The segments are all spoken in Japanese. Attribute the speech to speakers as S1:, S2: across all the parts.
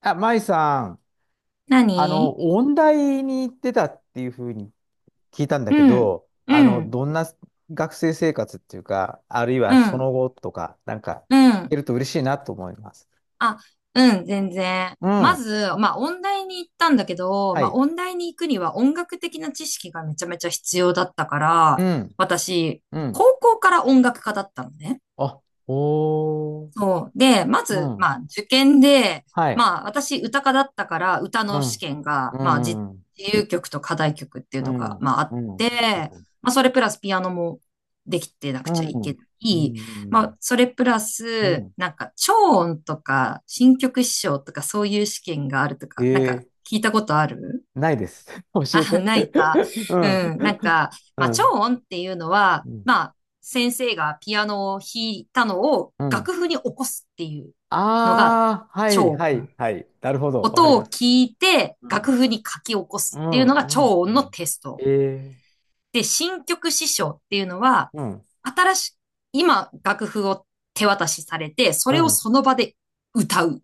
S1: あ、舞さん、
S2: 何？
S1: 音大に行ってたっていうふうに聞いたんだけ
S2: うん、
S1: ど、
S2: うん、
S1: どんな学生生活っていうか、あるいは
S2: う
S1: そ
S2: ん、
S1: の後とか、
S2: う
S1: 聞
S2: ん。
S1: けると嬉しいなと思います。
S2: あ、うん、全然。
S1: う
S2: ま
S1: ん。
S2: ず、音大に行ったんだけど、
S1: はい。
S2: 音大に行くには音楽的な知識がめちゃめちゃ必要だったから、
S1: うん。
S2: 私、
S1: うん。
S2: 高校から音楽家だったのね。
S1: あ、おー。
S2: そう。で、ま
S1: う
S2: ず、
S1: ん。
S2: 受験で、
S1: はい。
S2: 私、歌科だったから、歌
S1: う
S2: の試
S1: ん。
S2: 験
S1: う
S2: が、
S1: ん。うん。
S2: 自由曲と課題曲っていう
S1: う
S2: のが、
S1: ん。
S2: あっ
S1: うん。う
S2: て、
S1: ん。
S2: それプラスピアノもできてな
S1: う
S2: くちゃいけ
S1: ん。
S2: な
S1: う
S2: い。
S1: ん。
S2: それプラ
S1: う
S2: ス、
S1: ん
S2: 超音とか、新曲師匠とか、そういう試験があると
S1: え
S2: か、
S1: ー、
S2: 聞いたことある？
S1: ないです。教 え
S2: あ、
S1: て。
S2: ないか。
S1: う
S2: う
S1: ん。
S2: ん。
S1: う
S2: 超
S1: ん。
S2: 音っていうのは、
S1: うん。
S2: 先生がピアノを弾いたのを
S1: うん。
S2: 楽譜に起こすっていうのが
S1: ああ、はい
S2: 超
S1: は
S2: 音。
S1: いはい。なるほど。わかり
S2: 音
S1: ま
S2: を
S1: す。
S2: 聞いて
S1: う
S2: 楽
S1: ん。
S2: 譜に書き起こ
S1: う
S2: すっていう
S1: ん、
S2: のが
S1: うん、
S2: 超
S1: う
S2: 音の
S1: ん。
S2: テス
S1: え
S2: ト。
S1: え、
S2: で、新曲師匠っていうのは、
S1: うん、
S2: 新しい、今楽譜を手渡しされて、そ
S1: う
S2: れを
S1: ん。
S2: その場で歌う。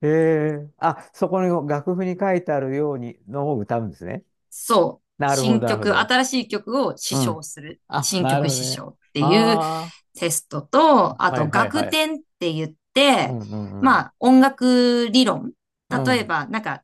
S1: ええ、あ、そこの楽譜に書いてあるようにのを歌うんですね。
S2: そう。
S1: なるほ
S2: 新
S1: ど、なるほ
S2: 曲、
S1: ど。
S2: 新しい曲を試
S1: うん。
S2: 唱する。
S1: あ、
S2: 新
S1: なる
S2: 曲
S1: ほど
S2: 試
S1: ね。
S2: 唱っていう
S1: ああ、
S2: テストと、あ
S1: はい
S2: と
S1: はいは
S2: 学
S1: い。
S2: 点って言っ
S1: う
S2: て、
S1: ん、うん、うん。
S2: 音楽理論。
S1: う
S2: 例え
S1: ん、
S2: ば、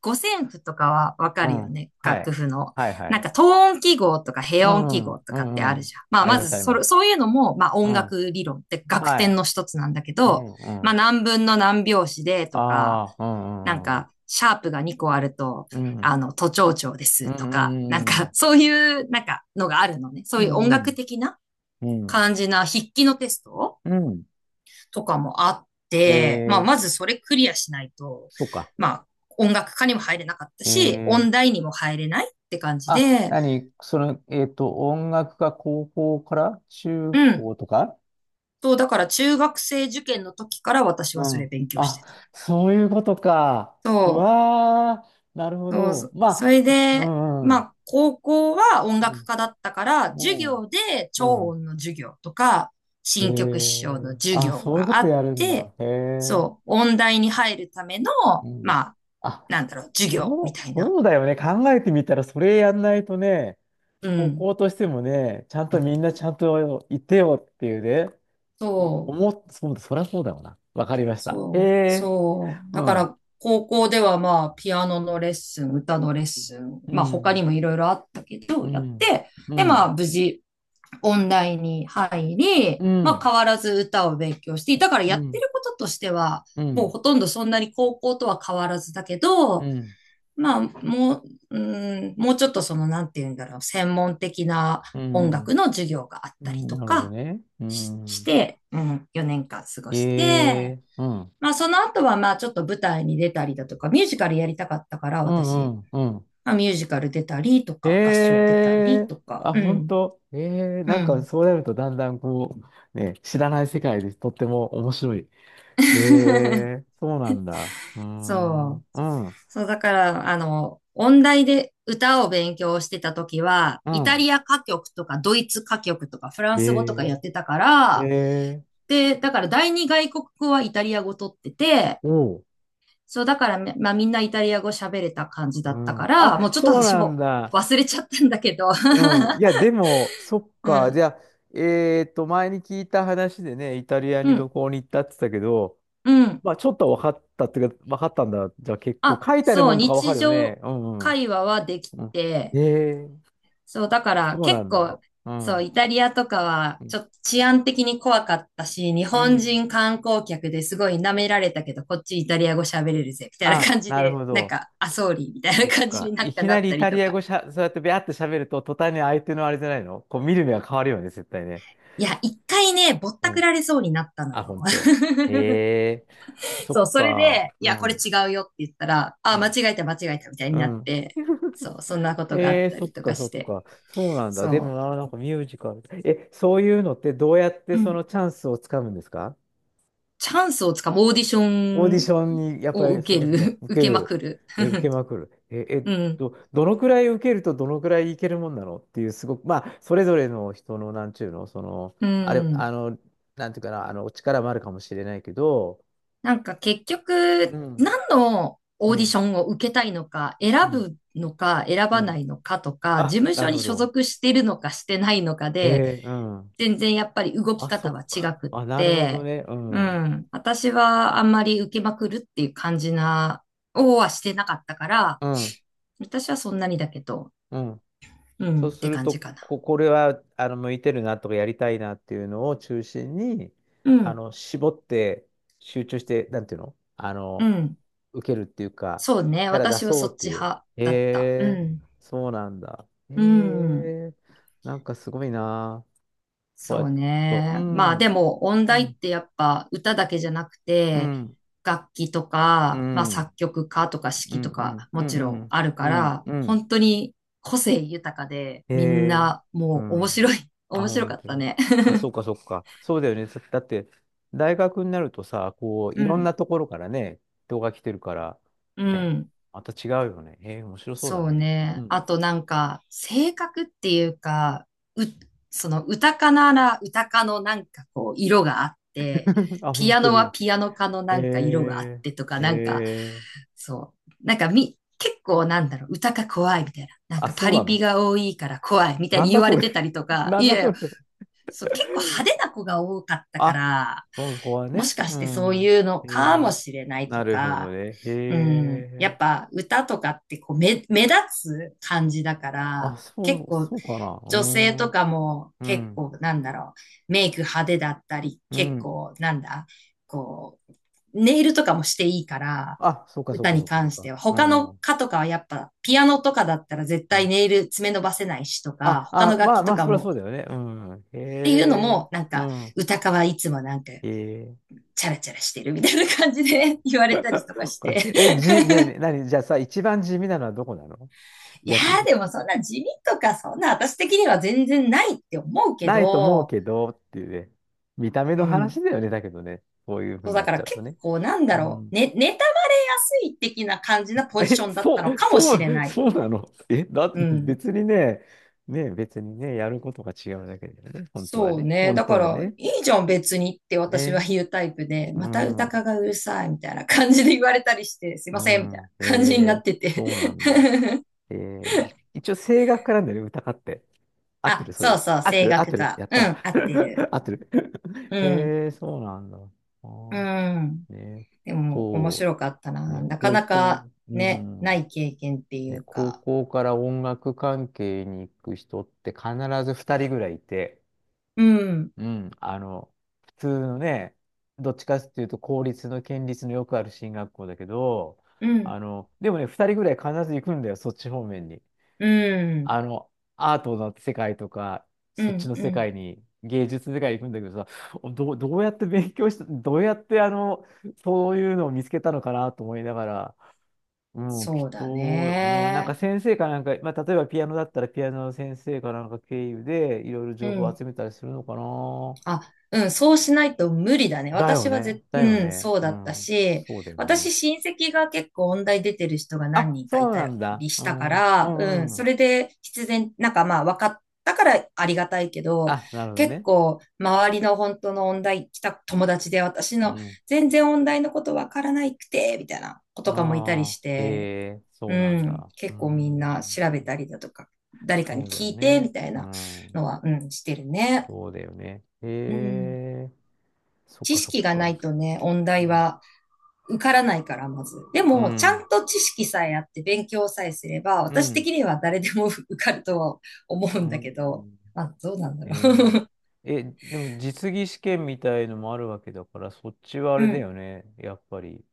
S2: 五線譜とかはわか
S1: う
S2: るよ
S1: ん。
S2: ね、
S1: は
S2: 楽
S1: い。
S2: 譜の。
S1: はいはい。
S2: 等音記号とか
S1: う
S2: 平音記
S1: ん、う
S2: 号とかってあ
S1: ん、う
S2: るじ
S1: ん。
S2: ゃん。
S1: あり
S2: ま
S1: ます、
S2: ず
S1: あり
S2: そ
S1: ま
S2: れ、
S1: す。
S2: そういうのも、
S1: う
S2: 音
S1: ん。
S2: 楽理論って楽
S1: は
S2: 点
S1: い。
S2: の一つなんだけ
S1: う
S2: ど、
S1: ん、うん。
S2: 何分の何拍子でとか、
S1: ああ、うん、うん、
S2: シャープが2個あると、
S1: うん。うん、
S2: 都庁長で
S1: うん、
S2: すと
S1: う
S2: か、なん
S1: ん、う
S2: か、
S1: ん。
S2: そういう、なんか、のがあるのね。そ
S1: う
S2: ういう音
S1: ん、う
S2: 楽
S1: ん、
S2: 的な
S1: うん。
S2: 感じな筆記のテスト
S1: うん
S2: とかもあっ
S1: え
S2: て、
S1: ー、
S2: まずそれクリアしないと、
S1: そうか。
S2: まあ、音楽科にも入れなかった
S1: え
S2: し、音
S1: ー、
S2: 大にも入れないって感じ
S1: あ、
S2: で、
S1: 何その、音楽が高校から中
S2: うん。
S1: 高とか、
S2: そう、だから中学生受験の時から私
S1: う
S2: はそれ
S1: ん。
S2: 勉強し
S1: あ、
S2: てた。
S1: そういうことか。う
S2: そ
S1: わー、なるほ
S2: そ
S1: ど。
S2: うそ
S1: まあ、
S2: れ
S1: う
S2: で、
S1: ん、うん、
S2: 高校は音楽科だったから、
S1: う
S2: 授
S1: ん、
S2: 業で
S1: う
S2: 超
S1: ん。うん
S2: 音の授業とか、新曲師匠の授
S1: あ、
S2: 業
S1: そういうこ
S2: があ
S1: と
S2: っ
S1: やるんだ。
S2: て、
S1: へえ、
S2: そう、音大に入るための、
S1: うん。
S2: まあ、
S1: あ、
S2: 授業み
S1: そう、
S2: たいな。
S1: そうだよね。考えてみたら、それやんないとね、
S2: う
S1: 高
S2: ん。
S1: 校としてもね、ちゃんとみんなちゃんといてよっていうね、
S2: そう、
S1: そうだ、そりゃそうだよな。わかりました。へえ、
S2: そう。だ
S1: う
S2: か
S1: ん、
S2: ら、高校では、ピアノのレッスン、歌のレッスン、
S1: う
S2: 他に
S1: ん、
S2: もいろいろあったけど、
S1: う
S2: やっ
S1: ん、
S2: て、
S1: う
S2: で、
S1: ん、
S2: 無事、音大に入り、
S1: う
S2: まあ
S1: ん、
S2: 変わらず歌を勉強していたから
S1: う
S2: やって
S1: ん、
S2: ることとしては、
S1: う
S2: もう
S1: ん、
S2: ほとんどそんなに高校とは変わらずだけ
S1: う
S2: ど、
S1: ん、
S2: まあももうちょっとそのなんていうんだろう、専門的な
S1: う
S2: 音楽
S1: ん、
S2: の授業があっ
S1: う
S2: たり
S1: ん
S2: と
S1: なるほど
S2: か
S1: ね。う
S2: し
S1: ん、
S2: て、うん、4年間過ご
S1: へ
S2: して、
S1: え、うん、う
S2: まあその後はまあちょっと舞台に出たりだとか、ミュージカルやりたかったから
S1: ん、
S2: 私、
S1: うん、うん。
S2: ミュージカル出たりと
S1: へ
S2: か、合唱出たり
S1: え、
S2: とか、
S1: あ、
S2: う
S1: 本
S2: ん、
S1: 当。へえ、
S2: うん。
S1: そうなるとだんだんね、知らない世界でとっても面白い。ええ、そうなんだ。うーん、
S2: そう。
S1: うん、
S2: そう、だから、音大で歌を勉強してた時は、
S1: う
S2: イタ
S1: ん。
S2: リア歌曲とかドイツ歌曲とかフラン
S1: え
S2: ス語とかやってたか
S1: え、え
S2: ら、
S1: え、
S2: で、だから第二外国語はイタリア語取ってて、
S1: おう。
S2: そう、だからめ、まあみんなイタリア語喋れた感じだ
S1: う
S2: ったか
S1: ん。
S2: ら、
S1: あ、
S2: もうちょっと
S1: そう
S2: 私
S1: なん
S2: も
S1: だ。
S2: 忘れちゃったんだけど。
S1: うん。いや、でも、そっ
S2: う
S1: か。じ
S2: ん、
S1: ゃあ、前に聞いた話でね、イタリア
S2: う
S1: に旅
S2: ん、
S1: 行に行ったって言ってたけど、
S2: うん。
S1: まあ、ちょっとは分かったっていうか、分かったんだ。じゃあ、結構、
S2: あ、
S1: 書いてある
S2: そ
S1: も
S2: う、
S1: んとか分か
S2: 日
S1: るよね。
S2: 常
S1: うん、うん。
S2: 会話はでき
S1: うんえ
S2: て、
S1: え、
S2: そう、だから
S1: そうな
S2: 結
S1: んだ。
S2: 構、
S1: う
S2: そう、
S1: ん。
S2: イタリアとかは、
S1: うん。
S2: ちょっと治安的に怖かったし、日
S1: う
S2: 本
S1: ん
S2: 人観光客ですごい舐められたけど、こっちイタリア語喋れるぜ、みたいな感
S1: あ、
S2: じ
S1: なる
S2: で、
S1: ほど。
S2: あ、ソーリーみたい
S1: そ
S2: な
S1: っ
S2: 感じに
S1: か。いき
S2: な
S1: な
S2: っ
S1: りイ
S2: たり
S1: タ
S2: と
S1: リア
S2: か。
S1: 語しゃ、そうやってビャーって喋ると、途端に相手のあれじゃないのこう見る目が変わるよね、絶対ね。
S2: いや、一回ね、ぼっ
S1: う
S2: たく
S1: ん。
S2: られそうになったの
S1: あ、
S2: よ。
S1: 本当。へえ、そ
S2: そう、
S1: っ
S2: それ
S1: か。
S2: で、い
S1: う
S2: や、これ
S1: ん。
S2: 違うよって言ったら、
S1: う
S2: あ、間
S1: ん。
S2: 違えた、間違えた、みたいに
S1: う
S2: なっ
S1: ん
S2: て、そう、そんなことがあった
S1: そっ
S2: りと
S1: か
S2: か
S1: そ
S2: し
S1: っ
S2: て、
S1: か。そうなんだ。でも
S2: そ
S1: な、なんかミュージカル。え、そういうのってどうやって
S2: う。う
S1: そ
S2: ん、
S1: のチャンスをつかむんですか？
S2: チャンスをつかむ、オーディショ
S1: オーディ
S2: ン
S1: ションにやっぱ
S2: を
S1: り、そ
S2: 受
S1: う
S2: け
S1: かそうか、
S2: る。受
S1: 受け
S2: けま
S1: る、
S2: くる。
S1: え、受 けまくる。え、
S2: うん。
S1: どのくらい受けるとどのくらいいけるもんなのっていう、すごく、まあ、それぞれの人の、なんちゅうの、その、
S2: う
S1: あれ、
S2: ん。
S1: なんていうかな、力もあるかもしれないけど、
S2: 結
S1: う
S2: 局、
S1: ん、
S2: 何の
S1: う
S2: オーディシ
S1: ん、
S2: ョンを受けたいのか、
S1: う
S2: 選
S1: ん、
S2: ぶのか、選
S1: う
S2: ばな
S1: ん。
S2: いのかとか、事
S1: あ、
S2: 務
S1: な
S2: 所
S1: る
S2: に
S1: ほ
S2: 所
S1: ど。
S2: 属してるのかしてないのかで、
S1: えーうん。
S2: 全然やっぱり動き
S1: あ、そ
S2: 方は
S1: っ
S2: 違
S1: か。
S2: くっ
S1: あ、なるほど
S2: て、
S1: ね。う
S2: う
S1: ん、うん、
S2: ん。私はあんまり受けまくるっていう感じな、をはしてなかったから、私はそんなにだけど、
S1: うん。
S2: う
S1: そ
S2: ん、
S1: う
S2: っ
S1: す
S2: て
S1: る
S2: 感じ
S1: と、
S2: かな。
S1: これは向いてるなとかやりたいなっていうのを中心に、
S2: うん、
S1: 絞って集中して、なんていうの
S2: うん。
S1: 受けるっていうか、
S2: そうね、
S1: キャラ出
S2: 私は
S1: そ
S2: そ
S1: うっ
S2: っ
S1: て
S2: ち
S1: いう。
S2: 派
S1: へ
S2: だった。う
S1: え、
S2: ん。
S1: そうなんだ。へ
S2: うん。
S1: え、なんかすごいな。こうや
S2: そ
S1: っ
S2: う
S1: てと、う
S2: ね。ま
S1: ん、
S2: あ
S1: う
S2: で
S1: ん、
S2: も音大ってやっぱ歌だけじゃなく
S1: う
S2: て
S1: ん、
S2: 楽器と
S1: う
S2: か、まあ作
S1: ん、
S2: 曲家とか
S1: う
S2: 指揮
S1: ん、
S2: と
S1: う
S2: か
S1: ん、う
S2: も
S1: ん、
S2: ち
S1: う
S2: ろん
S1: ん、
S2: あるか
S1: うん、
S2: ら、
S1: うん、
S2: 本当に個性豊かで
S1: え
S2: みん
S1: え、
S2: な
S1: う
S2: もう面
S1: ん。
S2: 白い、
S1: あ、
S2: 面白
S1: 本
S2: かっ
S1: 当
S2: た
S1: に。
S2: ね。
S1: あ、そうか、そうか。そうだよね。だって、大学になるとさ、こう、い
S2: う
S1: ろんな
S2: ん。
S1: ところからね、人が来てるから、
S2: う
S1: ね、
S2: ん。
S1: また違うよね。ええ、面白そうだ
S2: そう
S1: ね。う
S2: ね。あ
S1: ん。
S2: となんか、性格っていうか、う、その歌かなら歌かのなんかこう、色があって、
S1: あ、
S2: ピ
S1: 本
S2: ア
S1: 当
S2: ノは
S1: に。
S2: ピアノかのなんか色があ
S1: え
S2: ってとか、
S1: え、ええ。
S2: そう。なんかみ、結構なんだろう、歌か怖いみたいな。なん
S1: あ、
S2: か
S1: そ
S2: パ
S1: うな
S2: リピ
S1: の？
S2: が多いから怖いみたい
S1: なん
S2: に言
S1: だ
S2: わ
S1: そ
S2: れて
S1: れ。
S2: たりと か、
S1: なん
S2: い
S1: だそ
S2: や、
S1: れ。
S2: そう、結構派手な子が多かったか
S1: あ、
S2: ら、
S1: その子は
S2: も
S1: ね。
S2: しか
S1: う
S2: してそう
S1: ん。
S2: いうの
S1: え
S2: かも
S1: え、
S2: しれないと
S1: なるほど
S2: か、
S1: ね。
S2: う
S1: え
S2: ん、やっ
S1: え。
S2: ぱ歌とかってこう目立つ感じだか
S1: あ、
S2: ら、
S1: そ
S2: 結
S1: う、
S2: 構
S1: そうかな。うー
S2: 女性と
S1: ん。
S2: かも
S1: う
S2: 結
S1: ん。
S2: 構なんだろう、メイク派手だったり、
S1: う
S2: 結
S1: ん。
S2: 構なんだ、こう、ネイルとかもしていいから、
S1: あ、そうかそう
S2: 歌
S1: か
S2: に
S1: そうかそう
S2: 関し
S1: か。
S2: ては。
S1: う
S2: 他の
S1: ん。
S2: 歌とかはやっぱ、ピアノとかだったら絶
S1: う
S2: 対
S1: ん。
S2: ネイル爪伸ばせないしとか、
S1: あ、
S2: 他の
S1: あ、
S2: 楽
S1: まあ
S2: 器
S1: ま
S2: と
S1: あ、
S2: か
S1: そりゃそ
S2: も
S1: うだよね。うん。へ
S2: っていうの
S1: え。
S2: も、
S1: うん。
S2: 歌川いつもなんか、
S1: へえ。
S2: チャラチャラしてるみたいな感じで 言われたりと か
S1: お
S2: し
S1: かし
S2: て。
S1: い。え、じ、ねえねえ、何じゃあさ、一番地味なのはどこなの？
S2: いや
S1: 逆
S2: ー
S1: に。
S2: でもそんな地味とか、そんな私的には全然ないって思うけ
S1: ないと思う
S2: ど、
S1: けどっていうね。見た目
S2: う
S1: の
S2: ん。
S1: 話だよね。だけどね。そういうふうに
S2: だ
S1: なっ
S2: か
S1: ち
S2: ら
S1: ゃう
S2: 結
S1: と
S2: 構
S1: ね。
S2: こうなんだ
S1: う
S2: ろう、
S1: ん。
S2: ね、妬まれやすい的な感じなポジショ
S1: え、
S2: ンだったのかもしれない。
S1: そうなの？え、だっ
S2: う
S1: て
S2: ん。
S1: 別にね、ね別にね、やることが違うだけだよね。本当は
S2: そう
S1: ね。
S2: ね。
S1: 本
S2: だ
S1: 当
S2: か
S1: は
S2: ら、
S1: ね。
S2: いいじゃん別にって私は
S1: ね。
S2: 言うタイプで、
S1: う
S2: また歌か
S1: ん。
S2: がうるさいみたいな感じで言われたりして、すい
S1: う
S2: ませんみたいな
S1: ん。え
S2: 感じになっ
S1: ー、
S2: てて
S1: そうなんだ。えー、一応声楽家なんだよね、歌家って。合って
S2: あ、
S1: る、そ
S2: そ
S1: れ
S2: う
S1: で。
S2: そう、
S1: 合って
S2: 声
S1: る、合っ
S2: 楽
S1: てる。
S2: か。
S1: やっ
S2: う
S1: た。
S2: ん、合ってる。
S1: 合ってる。
S2: う ん、
S1: えー、そうなんだ。あ
S2: う
S1: ー
S2: ん。
S1: ね、
S2: でも、面
S1: そ
S2: 白かった
S1: う。
S2: な。
S1: ね、
S2: なか
S1: 高
S2: な
S1: 校、
S2: か
S1: う
S2: ね、な
S1: ん。
S2: い経験ってい
S1: ね、
S2: う
S1: 高
S2: か。
S1: 校から音楽関係に行く人って必ず二人ぐらいいて、
S2: うん、
S1: うん、普通のね、どっちかっていうと、公立の県立のよくある進学校だけど、
S2: うん、
S1: でもね、2人ぐらい必ず行くんだよ、そっち方面に。
S2: うん、
S1: あの、アートの世界とか、
S2: う
S1: そっち
S2: ん、
S1: の
S2: う
S1: 世
S2: ん。
S1: 界に、芸術の世界に行くんだけどさ、どうやって勉強した、どうやってそういうのを見つけたのかなと思いながら、うん、き
S2: そ
S1: っ
S2: うだ
S1: と、うん、なんか
S2: ね。
S1: 先生かなんか、まあ、例えばピアノだったらピアノの先生かなんか経由でいろいろ
S2: う
S1: 情報を
S2: ん。
S1: 集めたりするのかな。
S2: あ、うん、そうしないと無理だね。
S1: だよ
S2: 私は
S1: ね。
S2: ぜ、
S1: だよ
S2: うん、
S1: ね。
S2: そう
S1: う
S2: だった
S1: ん。
S2: し、
S1: そうだよね。
S2: 私親戚が結構音大出てる人が何
S1: あ、
S2: 人か
S1: そ
S2: い
S1: うな
S2: た
S1: んだ。
S2: りし
S1: う
S2: たか
S1: ん。う
S2: ら、う
S1: ん
S2: ん、
S1: う
S2: そ
S1: ん。
S2: れで必然、まあ分かったからありがたいけど、
S1: あ、なるほど
S2: 結
S1: ね。
S2: 構周りの本当の音大来た友達で、私
S1: う
S2: の
S1: ん。
S2: 全然音大のこと分からないくて、みたいな子とかもいたり
S1: ああ、
S2: し
S1: へ
S2: て、
S1: え、
S2: う
S1: そうなん
S2: ん、
S1: だ。う
S2: 結構みん
S1: ん。
S2: な調べたりだとか、誰かに
S1: そうだよ
S2: 聞いて、み
S1: ね。
S2: たい
S1: う
S2: なの
S1: ん。
S2: は、うん、してるね。
S1: そうだよね。へ
S2: うん。
S1: え、そっ
S2: 知
S1: かそっ
S2: 識がな
S1: か。
S2: いとね、音
S1: う
S2: 大
S1: ん。
S2: は受からないから、まず。で
S1: う
S2: も、ちゃ
S1: ん。
S2: んと知識さえあって勉強さえすれば、
S1: う
S2: 私
S1: ん。
S2: 的には誰でも 受かるとは思う
S1: う
S2: んだけど、
S1: ん
S2: あ、どうなんだ
S1: え
S2: ろ
S1: ーえ、でも実技試験みたいのもあるわけだから、そっちはあ
S2: う。
S1: れ
S2: う
S1: だ
S2: ん。
S1: よね。やっぱり。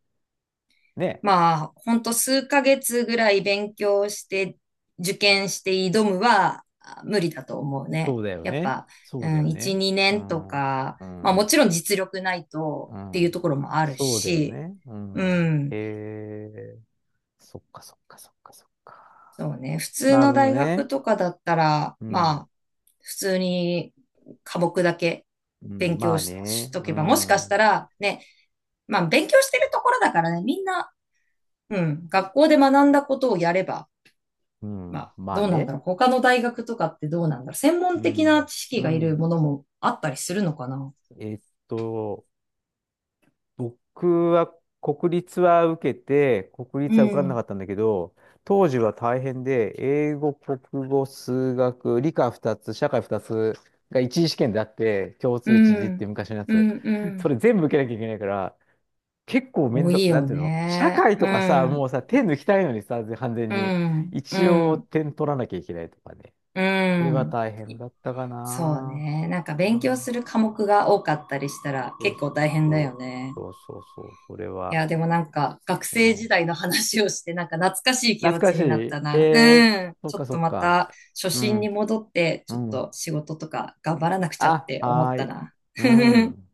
S1: ね。
S2: まあ、ほんと数ヶ月ぐらい勉強して受験して挑むはあ無理だと思う
S1: そ
S2: ね。
S1: うだよ
S2: やっ
S1: ね。
S2: ぱ、
S1: そ
S2: う
S1: うだ
S2: ん、
S1: よ
S2: 1、
S1: ね。
S2: 2
S1: う
S2: 年と
S1: ん。
S2: か、
S1: う
S2: まあも
S1: ん。
S2: ちろん実力ないと
S1: う
S2: っていうと
S1: ん。
S2: ころもある
S1: そうだよ
S2: し、
S1: ね。う
S2: う
S1: ん。
S2: ん。
S1: へえ。そっかそっかそっかそっか。
S2: そうね。普通
S1: なる
S2: の
S1: ほど
S2: 大学
S1: ね。
S2: とかだったら、
S1: うん。
S2: 普通に科目だけ
S1: うん。
S2: 勉
S1: ま
S2: 強
S1: あ
S2: し、し
S1: ね。
S2: と
S1: う
S2: けば、もしか
S1: ん。
S2: し
S1: う
S2: たらね、まあ、勉強してるところだからね、みんな、うん、学校で学んだことをやれば、ま
S1: ん。
S2: あ、
S1: まあ
S2: どうなんだ
S1: ね。
S2: ろう。他の大学とかってどうなんだろう。専
S1: う
S2: 門的な
S1: ん。
S2: 知
S1: う
S2: 識がいる
S1: ん。
S2: ものもあったりするのかな。
S1: えっと、僕は国立は受けて、国
S2: う
S1: 立は受かんなか
S2: ん、
S1: ったんだけど、当時は大変で、英語、国語、数学、理科2つ、社会2つが一次試験であって、共
S2: う
S1: 通一次って
S2: ん、
S1: 昔のや
S2: う
S1: つ。
S2: ん、う
S1: それ
S2: ん。
S1: 全部受けなきゃいけないから、結構面
S2: 多
S1: 倒、
S2: い
S1: なん
S2: よ
S1: ていうの社
S2: ね。
S1: 会と
S2: う
S1: かさ、
S2: ん、
S1: もうさ、手抜きたいのにさ、完全
S2: う
S1: に。
S2: ん、う
S1: 一応
S2: ん、
S1: 点取らなきゃいけないとかね。
S2: う
S1: これは
S2: ん。
S1: 大変だったか
S2: そう
S1: な。
S2: ね。なんか
S1: う
S2: 勉強す
S1: ん、
S2: る科目が多かったりしたら
S1: そう
S2: 結
S1: そ
S2: 構
S1: う
S2: 大変だ
S1: そう。
S2: よね。
S1: そうそうそう。それ
S2: い
S1: は。
S2: や、でもなんか学
S1: う
S2: 生時
S1: ん
S2: 代の話をしてなんか懐かしい気
S1: 懐
S2: 持
S1: か
S2: ち
S1: し
S2: になった
S1: い。え
S2: な。う
S1: え
S2: ん。
S1: そっ
S2: ちょ
S1: か
S2: っ
S1: そ
S2: と
S1: っ
S2: ま
S1: か。
S2: た初
S1: う
S2: 心に
S1: ん、
S2: 戻って、
S1: う
S2: ちょっ
S1: ん。
S2: と仕事とか頑張らなくちゃっ
S1: あ、
S2: て思
S1: は
S2: っ
S1: ー
S2: た
S1: い。
S2: な。
S1: う ん。